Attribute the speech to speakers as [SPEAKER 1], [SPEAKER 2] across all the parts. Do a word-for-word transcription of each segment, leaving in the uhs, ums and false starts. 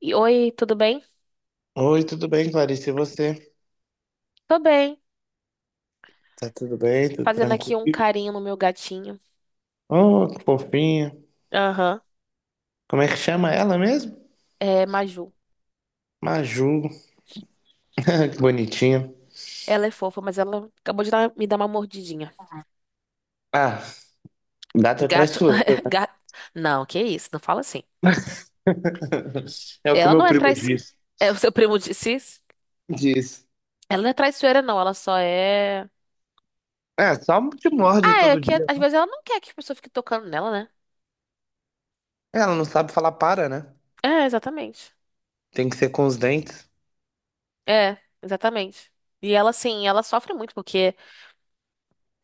[SPEAKER 1] E- Oi, tudo bem?
[SPEAKER 2] Oi, tudo bem, Clarice? E você?
[SPEAKER 1] Tô bem.
[SPEAKER 2] Tá tudo bem? Tudo
[SPEAKER 1] Fazendo aqui um
[SPEAKER 2] tranquilo?
[SPEAKER 1] carinho no meu gatinho.
[SPEAKER 2] Oh, que fofinha.
[SPEAKER 1] Aham.
[SPEAKER 2] Como é que chama ela mesmo?
[SPEAKER 1] É Maju.
[SPEAKER 2] Maju. Que bonitinha.
[SPEAKER 1] Ela é fofa, mas ela acabou de dar- me dar uma mordidinha.
[SPEAKER 2] Ah, gato é
[SPEAKER 1] Gato.
[SPEAKER 2] traiçoeiro.
[SPEAKER 1] Gato. Não, que isso, não fala assim.
[SPEAKER 2] É o que o
[SPEAKER 1] Ela
[SPEAKER 2] meu
[SPEAKER 1] não é
[SPEAKER 2] primo
[SPEAKER 1] traiçoeira.
[SPEAKER 2] disse.
[SPEAKER 1] É, o seu primo disse isso?
[SPEAKER 2] Disse.
[SPEAKER 1] Ela não é traiçoeira, não. Ela só é.
[SPEAKER 2] É, só te morde
[SPEAKER 1] Ah, é é
[SPEAKER 2] todo
[SPEAKER 1] que
[SPEAKER 2] dia.
[SPEAKER 1] às vezes ela não quer que as pessoas fiquem tocando nela, né?
[SPEAKER 2] Ela não sabe falar para, né?
[SPEAKER 1] É, exatamente.
[SPEAKER 2] Tem que ser com os dentes.
[SPEAKER 1] É, exatamente. E ela, assim, ela sofre muito porque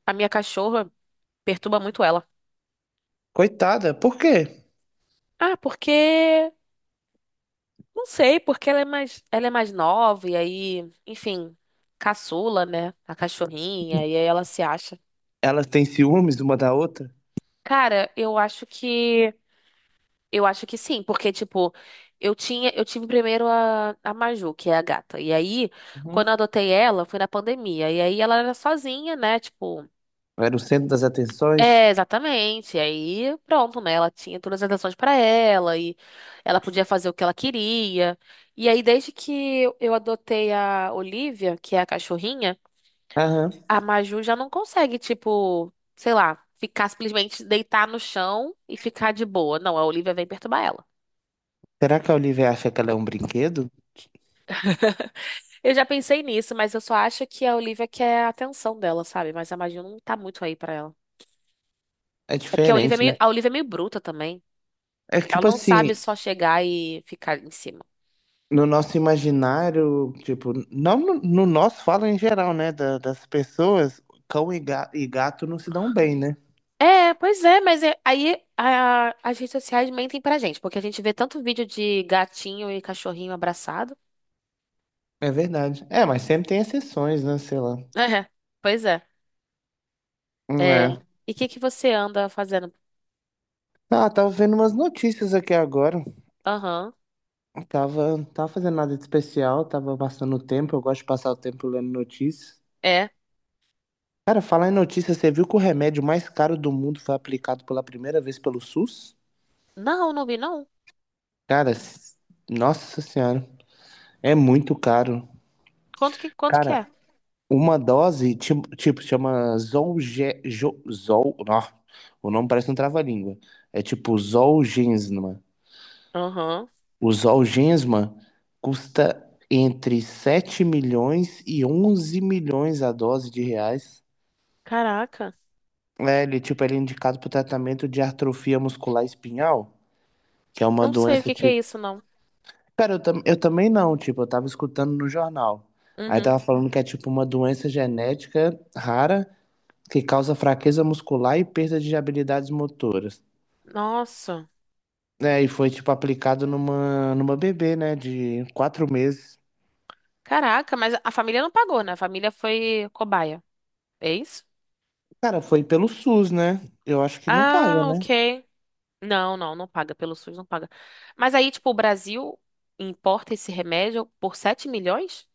[SPEAKER 1] a minha cachorra perturba muito ela.
[SPEAKER 2] Coitada, por quê?
[SPEAKER 1] Ah, porque. Não sei, porque ela é mais, ela é mais nova e aí, enfim, caçula, né? A cachorrinha, e aí ela se acha.
[SPEAKER 2] Elas têm ciúmes uma da outra?
[SPEAKER 1] Cara, eu acho que eu acho que sim, porque tipo, eu tinha, eu tive primeiro a, a Maju, que é a gata. E aí,
[SPEAKER 2] Uhum.
[SPEAKER 1] quando eu adotei ela, foi na pandemia. E aí ela era sozinha, né? Tipo,
[SPEAKER 2] Era o centro das atenções?
[SPEAKER 1] É, exatamente. Aí, pronto, né? Ela tinha todas as atenções pra ela e ela podia fazer o que ela queria. E aí, desde que eu adotei a Olivia, que é a cachorrinha,
[SPEAKER 2] Aham.
[SPEAKER 1] a Maju já não consegue, tipo, sei lá, ficar simplesmente deitar no chão e ficar de boa. Não, a Olivia vem perturbar ela.
[SPEAKER 2] Será que a Olivia acha que ela é um brinquedo?
[SPEAKER 1] Eu já pensei nisso, mas eu só acho que a Olivia quer a atenção dela, sabe? Mas a Maju não tá muito aí pra ela.
[SPEAKER 2] É
[SPEAKER 1] É porque a Olivia é
[SPEAKER 2] diferente,
[SPEAKER 1] meio,
[SPEAKER 2] né?
[SPEAKER 1] a Olivia é meio bruta também.
[SPEAKER 2] É
[SPEAKER 1] Ela
[SPEAKER 2] tipo
[SPEAKER 1] não sabe
[SPEAKER 2] assim,
[SPEAKER 1] só chegar e ficar em cima.
[SPEAKER 2] no nosso imaginário, tipo, não no, no nosso, fala em geral, né? da- das pessoas, cão e, ga- e gato não se dão bem, né?
[SPEAKER 1] É, pois é, mas é- aí a- as redes sociais mentem pra gente, porque a gente vê tanto vídeo de gatinho e cachorrinho abraçado.
[SPEAKER 2] É verdade. É, mas sempre tem exceções, né? Sei lá.
[SPEAKER 1] É, pois é.
[SPEAKER 2] Hum.
[SPEAKER 1] É.
[SPEAKER 2] É.
[SPEAKER 1] E o que que você anda fazendo?
[SPEAKER 2] Ah, tava vendo umas notícias aqui agora.
[SPEAKER 1] Aham,
[SPEAKER 2] Tava, tava fazendo nada de especial, tava passando o tempo. Eu gosto de passar o tempo lendo notícias.
[SPEAKER 1] é.
[SPEAKER 2] Cara, falar em notícias, você viu que o remédio mais caro do mundo foi aplicado pela primeira vez pelo S U S?
[SPEAKER 1] Não, não vi, não.
[SPEAKER 2] Cara, s- nossa senhora, é muito caro.
[SPEAKER 1] Quanto que, quanto que
[SPEAKER 2] Cara,
[SPEAKER 1] é?
[SPEAKER 2] uma dose, ti- tipo, chama Zolge... Jo- Zol... Nó, o nome parece um trava-língua. É tipo Zolgensma.
[SPEAKER 1] Aham.
[SPEAKER 2] O Zolgensma custa entre sete milhões e onze milhões a dose de reais.
[SPEAKER 1] Caraca.
[SPEAKER 2] É, ele, tipo, ele é indicado para o tratamento de atrofia muscular espinhal, que é uma
[SPEAKER 1] Não sei o
[SPEAKER 2] doença,
[SPEAKER 1] que que é
[SPEAKER 2] tipo...
[SPEAKER 1] isso, não.
[SPEAKER 2] Cara, eu, tam... eu também não, tipo, eu tava escutando no jornal. Aí
[SPEAKER 1] Uhum.
[SPEAKER 2] tava falando que é, tipo, uma doença genética rara que causa fraqueza muscular e perda de habilidades motoras.
[SPEAKER 1] Nossa.
[SPEAKER 2] É, e foi tipo aplicado numa, numa bebê, né, de quatro meses.
[SPEAKER 1] Caraca, mas a família não pagou, né? A família foi cobaia. É isso?
[SPEAKER 2] Cara, foi pelo S U S, né? Eu acho que não paga,
[SPEAKER 1] Ah,
[SPEAKER 2] né?
[SPEAKER 1] ok. Não, não, não paga. Pelo SUS não paga. Mas aí, tipo, o Brasil importa esse remédio por sete milhões?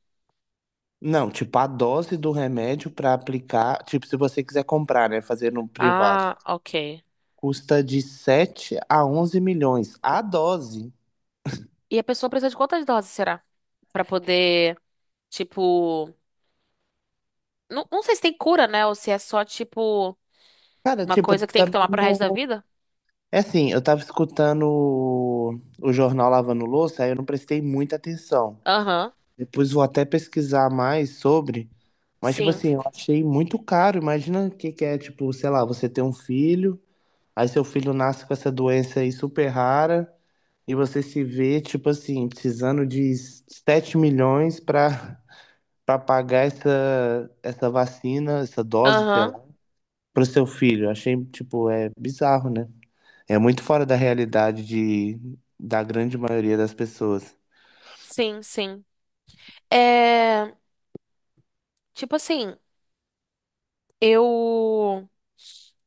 [SPEAKER 2] Não, tipo, a dose do remédio para aplicar, tipo, se você quiser comprar, né, fazer no privado,
[SPEAKER 1] Ah, ok.
[SPEAKER 2] custa de sete a onze milhões a dose.
[SPEAKER 1] E a pessoa precisa de quantas doses, será? Pra poder, tipo. Não, não sei se tem cura, né? Ou se é só, tipo,
[SPEAKER 2] Cara,
[SPEAKER 1] uma
[SPEAKER 2] tipo,
[SPEAKER 1] coisa que tem que
[SPEAKER 2] também
[SPEAKER 1] tomar pro resto da
[SPEAKER 2] não...
[SPEAKER 1] vida?
[SPEAKER 2] É assim, eu tava escutando o, o jornal Lavando Louça, aí eu não prestei muita atenção.
[SPEAKER 1] Aham,
[SPEAKER 2] Depois vou até pesquisar mais sobre. Mas, tipo
[SPEAKER 1] sim.
[SPEAKER 2] assim, eu achei muito caro. Imagina o que que é, tipo, sei lá, você ter um filho, aí seu filho nasce com essa doença aí super rara, e você se vê, tipo assim, precisando de sete milhões pra para pagar essa, essa vacina, essa dose, sei
[SPEAKER 1] Aham,
[SPEAKER 2] lá, pro seu filho. Achei, tipo, é bizarro, né? É muito fora da realidade de, da grande maioria das pessoas.
[SPEAKER 1] sim, sim. É. Tipo assim. Eu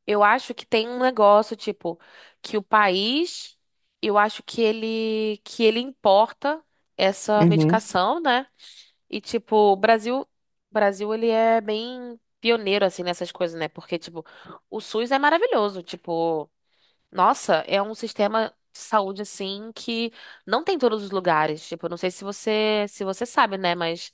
[SPEAKER 1] eu acho que tem um negócio tipo que o país, eu acho que ele que ele importa essa
[SPEAKER 2] Uhum.
[SPEAKER 1] medicação, né? E tipo, o Brasil, o Brasil ele é bem pioneiro assim nessas coisas, né? Porque tipo, o SUS é maravilhoso, tipo, nossa, é um sistema de saúde assim que não tem em todos os lugares. Tipo, eu não sei se você se você sabe, né, mas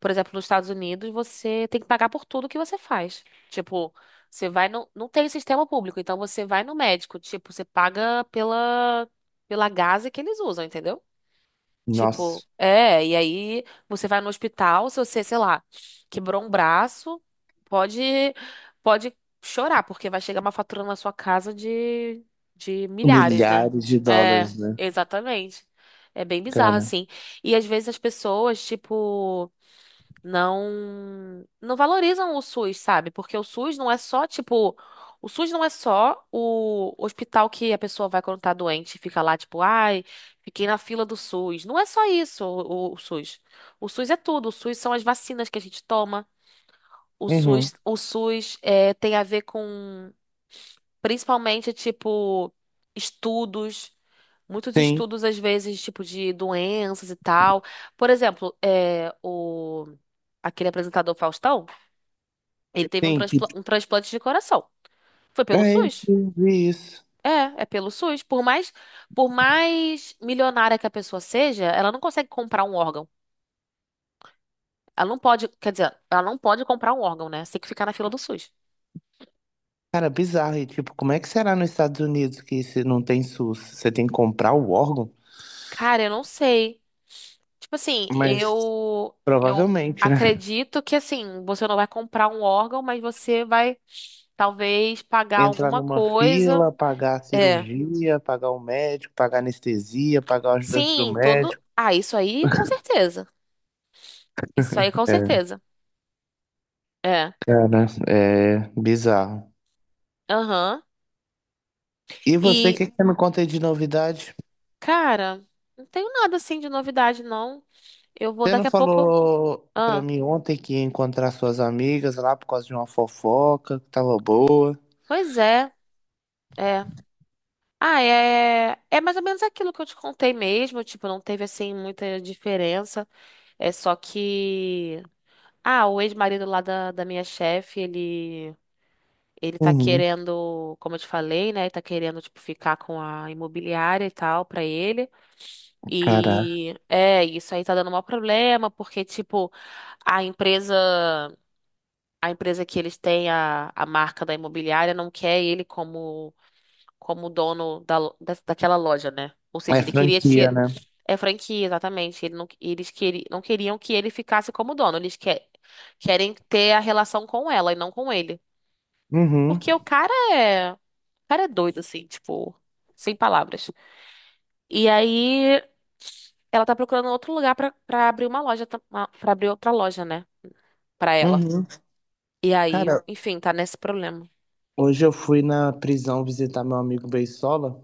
[SPEAKER 1] por exemplo, nos Estados Unidos, você tem que pagar por tudo que você faz. Tipo, você vai no. Não tem sistema público, então você vai no médico. Tipo, você paga pela, pela gase que eles usam, entendeu? Tipo,
[SPEAKER 2] Nossa,
[SPEAKER 1] é, e aí você vai no hospital, se você, sei lá, quebrou um braço, pode, pode chorar, porque vai chegar uma fatura na sua casa de, de milhares, né?
[SPEAKER 2] milhares de
[SPEAKER 1] É,
[SPEAKER 2] dólares, né?
[SPEAKER 1] exatamente. É bem bizarro,
[SPEAKER 2] Cara.
[SPEAKER 1] assim. E às vezes as pessoas, tipo não não valorizam o SUS, sabe? Porque o SUS não é só, tipo, o SUS não é só o hospital que a pessoa vai quando tá doente e fica lá, tipo, ai, fiquei na fila do SUS. Não é só isso, o, o SUS. O SUS é tudo. O SUS são as vacinas que a gente toma. O
[SPEAKER 2] Uhum.
[SPEAKER 1] SUS, o SUS é, tem a ver com, principalmente, tipo, estudos. Muitos
[SPEAKER 2] Tem,
[SPEAKER 1] estudos, às vezes, tipo, de doenças e tal. Por exemplo, é, o, aquele apresentador Faustão, ele teve um,
[SPEAKER 2] tem, tipo.
[SPEAKER 1] transpla- um transplante de coração. Foi pelo
[SPEAKER 2] É,
[SPEAKER 1] SUS?
[SPEAKER 2] eu vi isso.
[SPEAKER 1] É, é pelo SUS. Por mais, por mais milionária que a pessoa seja, ela não consegue comprar um órgão. Ela não pode, quer dizer, ela não pode comprar um órgão, né? Você tem que ficar na fila do SUS.
[SPEAKER 2] Cara, bizarro. E, tipo, como é que será nos Estados Unidos que se não tem S U S? Você tem que comprar o órgão?
[SPEAKER 1] Cara, eu não sei. Tipo assim,
[SPEAKER 2] Mas
[SPEAKER 1] eu eu
[SPEAKER 2] provavelmente, né?
[SPEAKER 1] acredito que assim, você não vai comprar um órgão, mas você vai talvez pagar
[SPEAKER 2] Entrar
[SPEAKER 1] alguma
[SPEAKER 2] numa
[SPEAKER 1] coisa.
[SPEAKER 2] fila, pagar a
[SPEAKER 1] É.
[SPEAKER 2] cirurgia, pagar o médico, pagar a anestesia, pagar o ajudante do
[SPEAKER 1] Sim, todo.
[SPEAKER 2] médico.
[SPEAKER 1] Ah, isso aí com certeza. Isso aí com
[SPEAKER 2] É,
[SPEAKER 1] certeza. É.
[SPEAKER 2] cara, é bizarro.
[SPEAKER 1] Aham.
[SPEAKER 2] E você, o
[SPEAKER 1] E,
[SPEAKER 2] que que você me conta aí de novidade?
[SPEAKER 1] cara, não tenho nada assim de novidade, não. Eu vou
[SPEAKER 2] Você não
[SPEAKER 1] daqui a pouco.
[SPEAKER 2] falou pra
[SPEAKER 1] Ah,
[SPEAKER 2] mim ontem que ia encontrar suas amigas lá por causa de uma fofoca que tava boa?
[SPEAKER 1] pois é, é. Ah, é, é mais ou menos aquilo que eu te contei mesmo. Tipo, não teve assim muita diferença. É só que. Ah, o ex-marido lá da, da minha chefe, ele. Ele tá
[SPEAKER 2] Uhum.
[SPEAKER 1] querendo, como eu te falei, né? Ele tá querendo, tipo, ficar com a imobiliária e tal pra ele.
[SPEAKER 2] Cara,
[SPEAKER 1] E é, isso aí tá dando um maior problema, porque, tipo, a empresa. A empresa que eles têm, a, a marca da imobiliária, não quer ele como, como dono da, lo- da- daquela loja, né? Ou seja,
[SPEAKER 2] é
[SPEAKER 1] ele queria tirar.
[SPEAKER 2] franquia, né?
[SPEAKER 1] É franquia, exatamente. Ele não, eles queri, Não queriam que ele ficasse como dono. Eles que- querem ter a relação com ela e não com ele.
[SPEAKER 2] Uhum.
[SPEAKER 1] Porque o cara é. O cara é doido, assim, tipo, sem palavras. E aí, ela tá procurando outro lugar pra, pra abrir uma loja, tam- uma- pra abrir outra loja, né? Pra ela.
[SPEAKER 2] Uhum.
[SPEAKER 1] E aí,
[SPEAKER 2] Cara,
[SPEAKER 1] enfim, tá nesse problema.
[SPEAKER 2] hoje eu fui na prisão visitar meu amigo Beisola.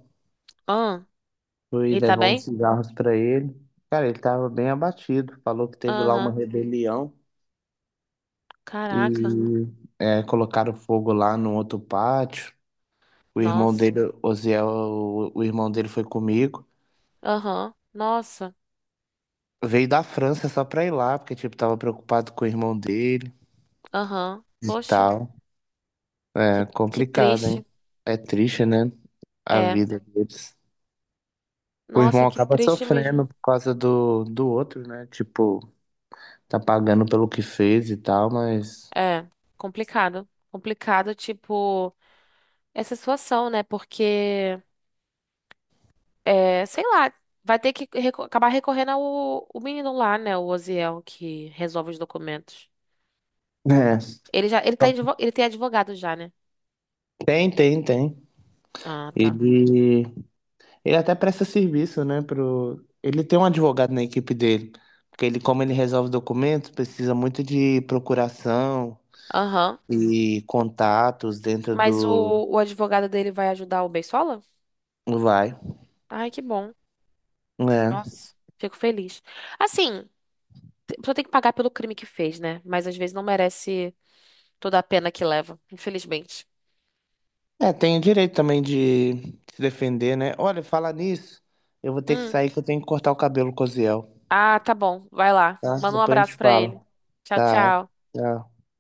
[SPEAKER 2] Fui
[SPEAKER 1] E tá
[SPEAKER 2] levar uns
[SPEAKER 1] bem?
[SPEAKER 2] cigarros pra ele. Cara, ele tava bem abatido. Falou que teve lá uma
[SPEAKER 1] Aham.
[SPEAKER 2] rebelião
[SPEAKER 1] Caraca.
[SPEAKER 2] e é, colocaram fogo lá no outro pátio. O irmão
[SPEAKER 1] Nossa.
[SPEAKER 2] dele, Osiel, o, o irmão dele foi comigo.
[SPEAKER 1] Aham. Nossa.
[SPEAKER 2] Veio da França só pra ir lá, porque, tipo, tava preocupado com o irmão dele
[SPEAKER 1] Aham.
[SPEAKER 2] e
[SPEAKER 1] Poxa.
[SPEAKER 2] tal.
[SPEAKER 1] Que,
[SPEAKER 2] É
[SPEAKER 1] que
[SPEAKER 2] complicado,
[SPEAKER 1] triste.
[SPEAKER 2] hein? É triste, né? A
[SPEAKER 1] É.
[SPEAKER 2] vida deles. O
[SPEAKER 1] Nossa,
[SPEAKER 2] irmão
[SPEAKER 1] que
[SPEAKER 2] acaba
[SPEAKER 1] triste mesmo.
[SPEAKER 2] sofrendo por causa do, do outro, né? Tipo, tá pagando pelo que fez e tal, mas.
[SPEAKER 1] É. Complicado. Complicado, tipo, essa situação, né? Porque, é, sei lá, vai ter que reco- acabar recorrendo ao o menino lá, né? O Oziel, que resolve os documentos.
[SPEAKER 2] É.
[SPEAKER 1] Ele já, ele tá, em advo- ele tem advogado já, né?
[SPEAKER 2] Tem, tem, tem.
[SPEAKER 1] Ah, tá.
[SPEAKER 2] Ele, ele até presta serviço, né? Pro... Ele tem um advogado na equipe dele. Porque ele, como ele resolve documentos, precisa muito de procuração
[SPEAKER 1] Aham.
[SPEAKER 2] e contatos dentro
[SPEAKER 1] Mas o,
[SPEAKER 2] do.
[SPEAKER 1] o advogado dele vai ajudar o Beisola?
[SPEAKER 2] Do Vai.
[SPEAKER 1] Ai, que bom.
[SPEAKER 2] É.
[SPEAKER 1] Nossa, fico feliz. Assim, a pessoa tem que pagar pelo crime que fez, né? Mas às vezes não merece toda a pena que leva, infelizmente.
[SPEAKER 2] É, tem o direito também de se defender, né? Olha, fala nisso. Eu vou ter que
[SPEAKER 1] Hum.
[SPEAKER 2] sair que eu tenho que cortar o cabelo com o Ziel.
[SPEAKER 1] Ah, tá bom. Vai lá.
[SPEAKER 2] Tá?
[SPEAKER 1] Manda um
[SPEAKER 2] Depois a gente
[SPEAKER 1] abraço pra
[SPEAKER 2] fala.
[SPEAKER 1] ele. Tchau,
[SPEAKER 2] Tá,
[SPEAKER 1] tchau.
[SPEAKER 2] tchau.